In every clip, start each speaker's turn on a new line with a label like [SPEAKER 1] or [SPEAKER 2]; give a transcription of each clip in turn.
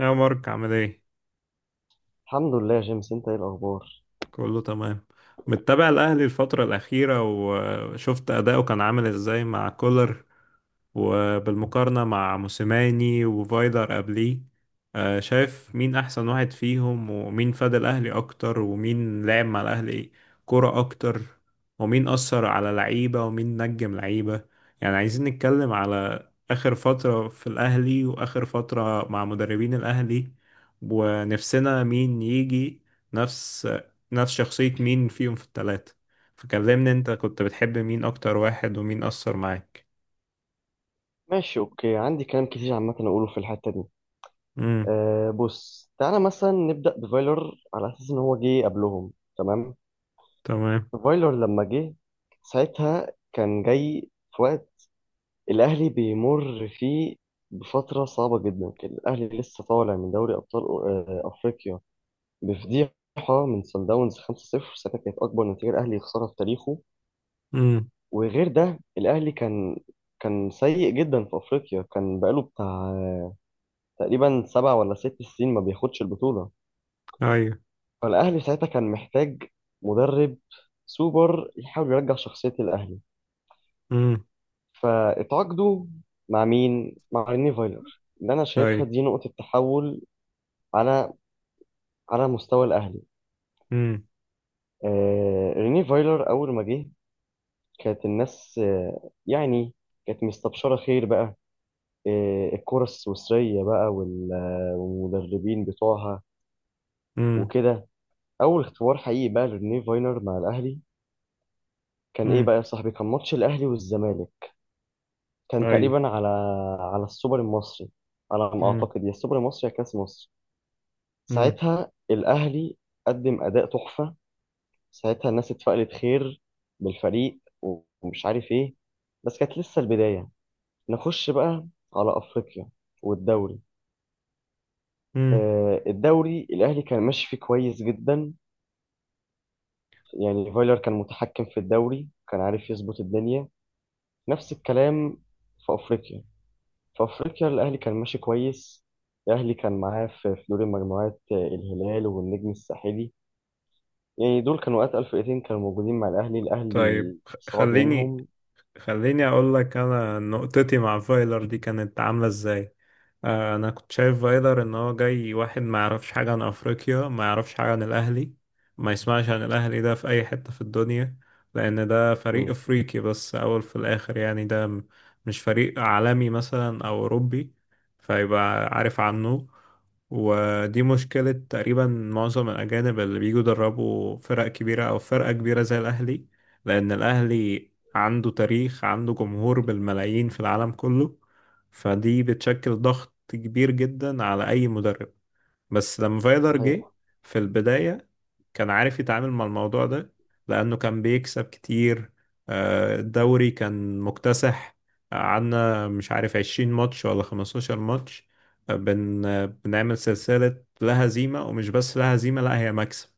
[SPEAKER 1] يا مارك، عامل ايه؟
[SPEAKER 2] الحمد لله يا جيمس، انت ايه الاخبار؟
[SPEAKER 1] كله تمام. متابع الأهلي الفترة الأخيرة وشفت أداؤه كان عامل إزاي مع كولر، وبالمقارنة مع موسيماني وفايلر قبليه. شايف مين أحسن واحد فيهم، ومين فاد الأهلي أكتر، ومين لعب مع الأهلي كرة أكتر، ومين أثر على لعيبة، ومين نجم لعيبة. يعني عايزين نتكلم على آخر فترة في الأهلي وآخر فترة مع مدربين الأهلي، ونفسنا مين يجي نفس نفس شخصية مين فيهم في التلاتة. فكلمني، انت كنت بتحب مين اكتر واحد ومين اثر معاك؟
[SPEAKER 2] ماشي، اوكي. عندي كلام كتير عامه اقوله في الحته دي.
[SPEAKER 1] امم.
[SPEAKER 2] بص تعالى مثلا نبدا بفايلر على اساس ان هو جه قبلهم، تمام.
[SPEAKER 1] تمام.
[SPEAKER 2] فايلر لما جه ساعتها كان جاي في وقت الأهلي بيمر فيه بفترة صعبة جدا. كان الأهلي لسه طالع من دوري أبطال أفريقيا بفضيحة من صن داونز 5-0. ساعتها كانت أكبر نتيجة الأهلي يخسرها في تاريخه.
[SPEAKER 1] امم.
[SPEAKER 2] وغير ده الأهلي كان كان سيء جدا في أفريقيا، كان بقاله بتاع تقريبا 7 ولا 6 سنين ما بياخدش البطولة.
[SPEAKER 1] ايوه.
[SPEAKER 2] فالأهلي ساعتها كان محتاج مدرب سوبر يحاول يرجع شخصية الأهلي.
[SPEAKER 1] امم.
[SPEAKER 2] فاتعاقدوا مع مين؟ مع ريني فايلر، اللي انا
[SPEAKER 1] ايوه.
[SPEAKER 2] شايفها دي نقطة تحول على على مستوى الاهلي.
[SPEAKER 1] امم.
[SPEAKER 2] ريني فايلر اول ما جه كانت الناس يعني كانت مستبشرة خير بقى. الكرة السويسرية بقى والمدربين بتوعها
[SPEAKER 1] امم.
[SPEAKER 2] وكده. اول اختبار حقيقي بقى لريني فايلر مع الاهلي كان ايه
[SPEAKER 1] امم.
[SPEAKER 2] بقى يا صاحبي؟ كان ماتش الاهلي والزمالك، كان
[SPEAKER 1] ايوه.
[SPEAKER 2] تقريبا على على السوبر المصري، على ما
[SPEAKER 1] امم.
[SPEAKER 2] اعتقد، يا السوبر المصري يا كاس مصر.
[SPEAKER 1] امم.
[SPEAKER 2] ساعتها الأهلي قدم أداء تحفة. ساعتها الناس اتفائلت خير بالفريق ومش عارف إيه، بس كانت لسه البداية. نخش بقى على أفريقيا والدوري.
[SPEAKER 1] امم.
[SPEAKER 2] الدوري الأهلي كان ماشي فيه كويس جدا، يعني فايلر كان متحكم في الدوري، كان عارف يظبط الدنيا. نفس الكلام في أفريقيا. في أفريقيا الأهلي كان ماشي كويس. الأهلي كان معاه في في دور المجموعات الهلال والنجم الساحلي، يعني دول كانوا أتقل فرقتين كانوا موجودين مع الأهلي،
[SPEAKER 1] طيب،
[SPEAKER 2] الأهلي
[SPEAKER 1] خ-
[SPEAKER 2] صعد
[SPEAKER 1] خليني
[SPEAKER 2] منهم.
[SPEAKER 1] خليني اقول لك، انا نقطتي مع فايلر دي كانت عامله ازاي. انا كنت شايف فايلر ان هو جاي واحد ما يعرفش حاجه عن افريقيا، ما يعرفش حاجه عن الاهلي، ما يسمعش عن الاهلي ده في اي حته في الدنيا، لان ده فريق
[SPEAKER 2] مم.
[SPEAKER 1] افريقي بس اول في الاخر. يعني ده مش فريق عالمي مثلا او اوروبي فيبقى عارف عنه. ودي مشكلة تقريبا معظم الأجانب اللي بيجوا يدربوا فرق كبيرة أو فرقة كبيرة زي الأهلي. لأن الأهلي عنده تاريخ، عنده جمهور بالملايين في العالم كله، فدي بتشكل ضغط كبير جدا على أي مدرب. بس لما فايلر جه
[SPEAKER 2] الحقيقة.
[SPEAKER 1] في البداية، كان عارف يتعامل مع الموضوع ده، لأنه كان بيكسب كتير. الدوري كان مكتسح، عنا مش عارف 20 ماتش ولا 15 ماتش. آه، بن آه، بنعمل سلسلة لا هزيمة، ومش بس لا هزيمة، لا هي مكسب.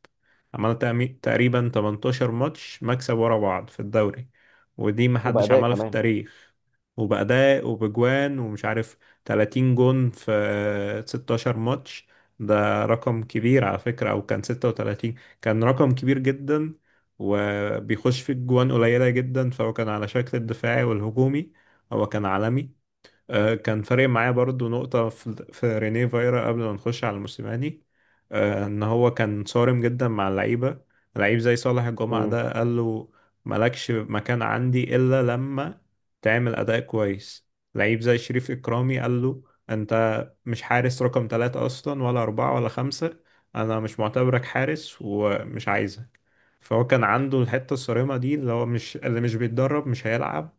[SPEAKER 1] عملنا تقريبا 18 ماتش مكسب ورا بعض في الدوري، ودي محدش
[SPEAKER 2] وبأداء
[SPEAKER 1] عملها في
[SPEAKER 2] كمان.
[SPEAKER 1] التاريخ. وبأداء وبجوان ومش عارف، 30 جون في 16 ماتش. ده رقم كبير على فكرة، أو كان 36. كان رقم كبير جدا، وبيخش في الجوان قليلة جدا، فهو كان على شكل الدفاعي والهجومي. هو كان عالمي. كان فارق معايا برضو نقطة في رينيه فايرا قبل ما نخش على الموسيماني. إن هو كان صارم جدا مع اللعيبة. لعيب زي صالح الجمعة
[SPEAKER 2] مم.
[SPEAKER 1] ده قال له: مالكش مكان عندي إلا لما تعمل أداء كويس. لعيب زي شريف إكرامي قال له: أنت مش حارس رقم 3 أصلا، ولا 4 ولا 5. أنا مش معتبرك حارس ومش عايزك. فهو كان عنده الحتة الصارمة دي، اللي هو مش، اللي مش بيتدرب مش هيلعب.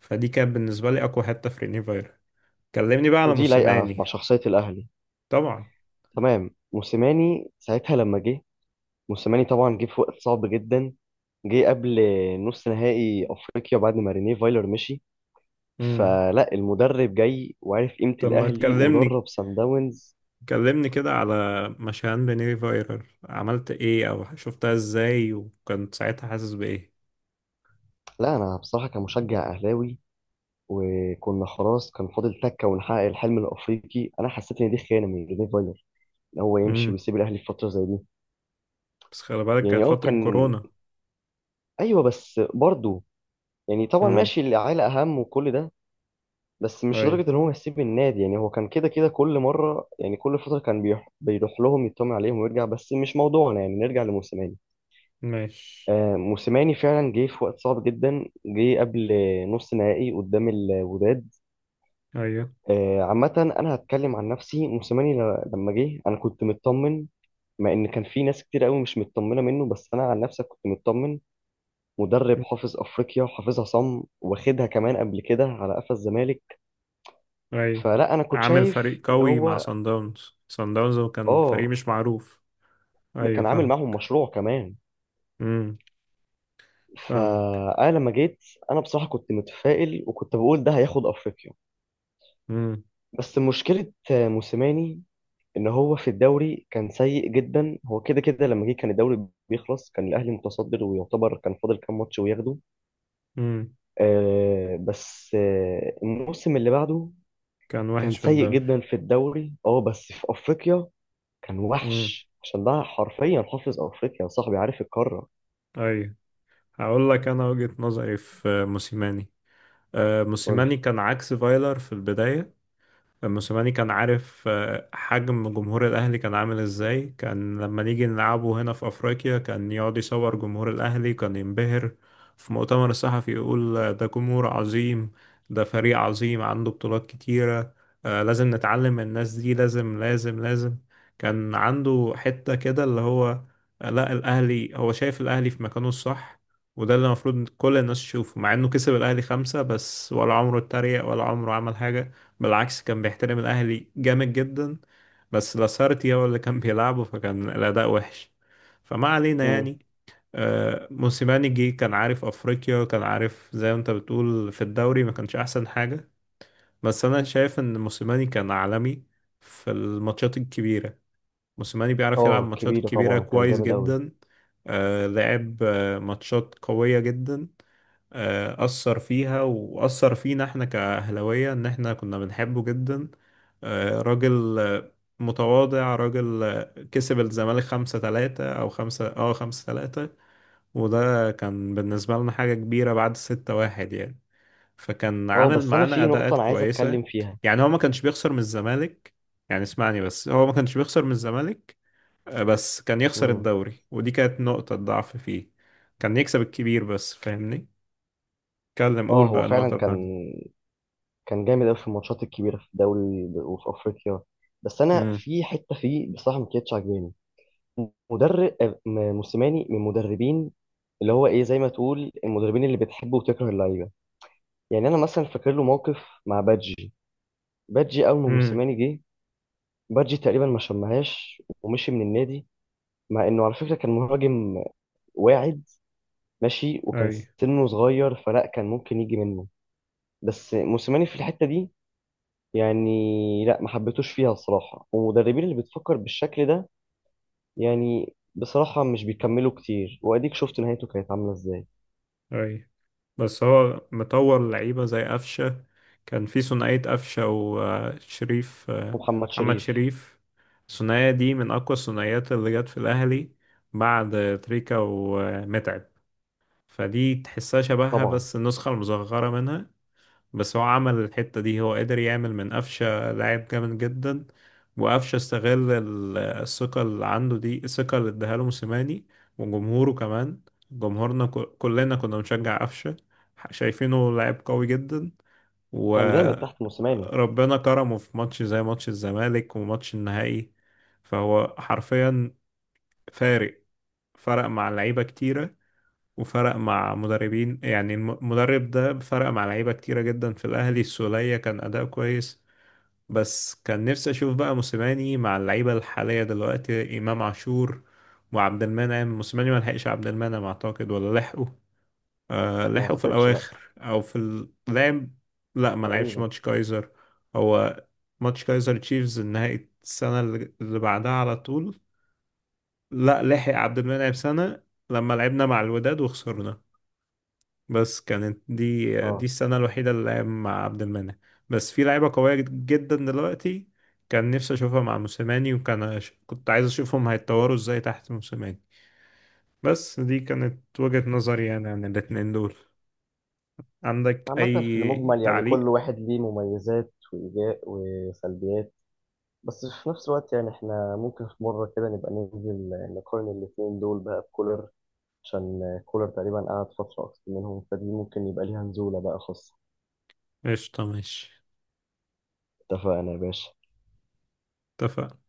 [SPEAKER 1] فدي كانت بالنسبة لي أقوى حتة في رينيه فايرا. كلمني بقى على
[SPEAKER 2] ودي لايقة
[SPEAKER 1] موسيماني.
[SPEAKER 2] مع شخصية الأهلي.
[SPEAKER 1] طبعا.
[SPEAKER 2] تمام. موسيماني ساعتها لما جه، موسيماني طبعا جه في وقت صعب جدا، جه قبل نص نهائي أفريقيا بعد ما رينيه فايلر مشي،
[SPEAKER 1] امم.
[SPEAKER 2] فلا المدرب جاي وعارف قيمة
[SPEAKER 1] طب ما
[SPEAKER 2] الأهلي
[SPEAKER 1] تكلمني،
[SPEAKER 2] ودرب سان داونز.
[SPEAKER 1] كلمني كده على مشان بنيري فايرال عملت ايه او شفتها ازاي وكنت ساعتها حاسس بايه.
[SPEAKER 2] لا أنا بصراحة كمشجع أهلاوي، وكنا خلاص كان فاضل تكة ونحقق الحلم الأفريقي، أنا حسيت إن دي خيانة من رينيه فايلر ان هو يمشي
[SPEAKER 1] امم.
[SPEAKER 2] ويسيب الاهلي في فتره زي دي.
[SPEAKER 1] بس خلي بالك
[SPEAKER 2] يعني
[SPEAKER 1] كانت فترة
[SPEAKER 2] كان،
[SPEAKER 1] كورونا.
[SPEAKER 2] ايوه، بس برضه يعني طبعا
[SPEAKER 1] امم.
[SPEAKER 2] ماشي، العيله اهم وكل ده، بس مش
[SPEAKER 1] اي.
[SPEAKER 2] لدرجه ان هو يسيب النادي. يعني هو كان كده كده كل مره، يعني كل فتره كان بيروح بيروح لهم يطمن عليهم ويرجع. بس مش موضوعنا، يعني نرجع لموسيماني.
[SPEAKER 1] ماشي.
[SPEAKER 2] موسيماني فعلا جه في وقت صعب جدا، جه قبل نص نهائي قدام الوداد.
[SPEAKER 1] ايوه.
[SPEAKER 2] عامه انا هتكلم عن نفسي. موسيماني لما جه انا كنت مطمن، مع ان كان في ناس كتير قوي مش مطمنه منه، بس انا عن نفسي كنت مطمن. مدرب
[SPEAKER 1] مم.
[SPEAKER 2] حافظ افريقيا وحافظها صم، واخدها كمان قبل كده على قفا الزمالك.
[SPEAKER 1] ايوه.
[SPEAKER 2] فلا انا كنت
[SPEAKER 1] عامل
[SPEAKER 2] شايف
[SPEAKER 1] فريق
[SPEAKER 2] ان
[SPEAKER 1] قوي مع
[SPEAKER 2] هو،
[SPEAKER 1] سان داونز، سان داونز كان فريق
[SPEAKER 2] اه
[SPEAKER 1] مش معروف.
[SPEAKER 2] ده
[SPEAKER 1] ايوه،
[SPEAKER 2] كان عامل
[SPEAKER 1] فاهم.
[SPEAKER 2] معاهم مشروع كمان.
[SPEAKER 1] امم. فاهم.
[SPEAKER 2] فانا لما جيت انا بصراحه كنت متفائل، وكنت بقول ده هياخد افريقيا.
[SPEAKER 1] امم.
[SPEAKER 2] بس مشكله موسيماني ان هو في الدوري كان سيء جدا. هو كده كده لما جه كان الدوري بيخلص، كان الاهلي متصدر ويعتبر كان فاضل كام ماتش وياخده.
[SPEAKER 1] امم.
[SPEAKER 2] بس الموسم اللي بعده
[SPEAKER 1] كان
[SPEAKER 2] كان
[SPEAKER 1] وحش في
[SPEAKER 2] سيء
[SPEAKER 1] الدوري.
[SPEAKER 2] جدا في الدوري. اه بس في افريقيا كان
[SPEAKER 1] امم.
[SPEAKER 2] وحش، عشان ده حرفيا حافظ افريقيا يا صاحبي، عارف القاره.
[SPEAKER 1] ايوه. هقول لك انا وجهة نظري في موسيماني.
[SPEAKER 2] قول لي.
[SPEAKER 1] موسيماني كان عكس فايلر في البداية. موسيماني كان عارف حجم جمهور الأهلي كان عامل إزاي. كان لما نيجي نلعبه هنا في أفريقيا كان يقعد يصور جمهور الأهلي، كان ينبهر في مؤتمر الصحفي. يقول: ده جمهور عظيم، ده فريق عظيم عنده بطولات كتيرة. لازم نتعلم من الناس دي، لازم لازم لازم. كان عنده حتة كده اللي هو لا، الأهلي، هو شايف الأهلي في مكانه الصح. وده اللي المفروض كل الناس تشوفه، مع إنه كسب الأهلي خمسة بس، ولا عمره اتريق ولا عمره عمل حاجة. بالعكس، كان بيحترم الأهلي جامد جدا. بس لاسارتي هو اللي كان بيلعبه، فكان الأداء وحش. فما علينا
[SPEAKER 2] امم.
[SPEAKER 1] يعني. موسيماني جه كان عارف أفريقيا، كان عارف زي ما أنت بتقول في الدوري ما كانش أحسن حاجة. بس أنا شايف إن موسيماني كان عالمي في الماتشات الكبيرة. موسيماني بيعرف يلعب
[SPEAKER 2] اه
[SPEAKER 1] ماتشات
[SPEAKER 2] كبيره
[SPEAKER 1] كبيرة
[SPEAKER 2] طبعا، كان
[SPEAKER 1] كويس
[SPEAKER 2] جامد قوي.
[SPEAKER 1] جدا. لعب ماتشات قوية جدا. أثر فيها، وأثر فينا احنا كأهلاوية، إن احنا كنا بنحبه جدا. راجل متواضع. راجل كسب الزمالك 5-3، أو خمسة، 5-3. وده كان بالنسبة لنا حاجة كبيرة بعد 6-1 يعني. فكان
[SPEAKER 2] اه
[SPEAKER 1] عامل
[SPEAKER 2] بس انا
[SPEAKER 1] معانا
[SPEAKER 2] في نقطه
[SPEAKER 1] أداءات
[SPEAKER 2] انا عايز
[SPEAKER 1] كويسة.
[SPEAKER 2] اتكلم فيها.
[SPEAKER 1] يعني هو ما كانش بيخسر من الزمالك. يعني اسمعني بس، هو ما كانش بيخسر من الزمالك. بس كان يخسر
[SPEAKER 2] امم.
[SPEAKER 1] الدوري، ودي كانت نقطة ضعف فيه. كان يكسب الكبير بس، فاهمني. اتكلم، قول
[SPEAKER 2] اه هو
[SPEAKER 1] بقى النقطة
[SPEAKER 2] فعلا كان
[SPEAKER 1] بتاعتي.
[SPEAKER 2] كان جامد قوي في الماتشات الكبيره في الدوري وفي افريقيا، بس انا
[SPEAKER 1] مم.
[SPEAKER 2] في حته فيه بصراحه ما كانتش عاجباني. مدرب موسيماني من المدربين اللي هو ايه، زي ما تقول المدربين اللي بتحب وتكره اللعيبه. يعني انا مثلا فاكر له موقف مع بادجي. بادجي اول ما
[SPEAKER 1] امم.
[SPEAKER 2] موسيماني جه، بادجي تقريبا ما شمهاش ومشي من النادي، مع انه على فكره كان مهاجم واعد، ماشي،
[SPEAKER 1] امم.
[SPEAKER 2] وكان
[SPEAKER 1] اي.
[SPEAKER 2] سنه صغير، فلا كان ممكن يجي منه. بس موسيماني في الحته دي، يعني لا، ما حبيتوش فيها الصراحه. والمدربين اللي بتفكر بالشكل ده يعني بصراحه مش بيكملوا كتير، واديك شفت نهايته كانت عامله ازاي.
[SPEAKER 1] اي، بس هو مطور لعيبة زي قفشة. كان في ثنائية قفشة وشريف،
[SPEAKER 2] ومحمد
[SPEAKER 1] محمد
[SPEAKER 2] شريف
[SPEAKER 1] شريف. الثنائية دي من أقوى الثنائيات اللي جت في الأهلي بعد تريكا ومتعب. فدي تحسها شبهها،
[SPEAKER 2] طبعا
[SPEAKER 1] بس النسخة المصغرة منها. بس هو عمل الحتة دي، هو قدر يعمل من قفشة لاعب جامد جدا. وقفشة استغل الثقة اللي عنده دي، الثقة اللي اداها له موسيماني وجمهوره كمان. جمهورنا كلنا كنا بنشجع قفشة، شايفينه لاعب قوي جدا.
[SPEAKER 2] كان جامد تحت موسيماني.
[SPEAKER 1] وربنا كرمه في ماتش زي ماتش الزمالك وماتش النهائي. فهو حرفيا فارق، فرق مع لعيبة كتيرة، وفرق مع مدربين. يعني المدرب ده فرق مع لعيبة كتيرة جدا في الأهلي. السولية كان أداء كويس. بس كان نفسي أشوف بقى موسيماني مع اللعيبة الحالية دلوقتي، إمام عاشور وعبد المنعم. موسيماني ما لحقش عبد المنعم أعتقد، ولا لحقه؟ آه
[SPEAKER 2] ما
[SPEAKER 1] لحقه في
[SPEAKER 2] اعتقدش،
[SPEAKER 1] الأواخر،
[SPEAKER 2] لا.
[SPEAKER 1] أو في اللعب. لا ما لعبش
[SPEAKER 2] تقريبا.
[SPEAKER 1] ماتش كايزر. هو ماتش كايزر تشيفز نهائي السنة اللي بعدها على طول. لا، لحق عبد المنعم سنة لما لعبنا مع الوداد وخسرنا. بس كانت دي
[SPEAKER 2] اه
[SPEAKER 1] السنة الوحيدة اللي لعب مع عبد المنعم. بس في لعيبة قوية جدا دلوقتي، كان نفسي أشوفها مع موسيماني، وكان كنت عايز أشوفهم هيتطوروا إزاي تحت موسيماني. بس دي كانت وجهة نظري يعني عن الاتنين دول. عندك
[SPEAKER 2] عامة في
[SPEAKER 1] أي
[SPEAKER 2] المجمل يعني
[SPEAKER 1] تعليق؟
[SPEAKER 2] كل واحد ليه مميزات وإيجاب وسلبيات، بس في نفس الوقت يعني احنا ممكن في مرة كده نبقى ننزل نقارن الاتنين دول بقى بكولر، عشان كولر تقريبا قعد فترة أكتر منهم، فدي ممكن يبقى ليها نزولة بقى خاصة.
[SPEAKER 1] قشطة، ماشي.
[SPEAKER 2] اتفقنا يا باشا.
[SPEAKER 1] اتفقنا.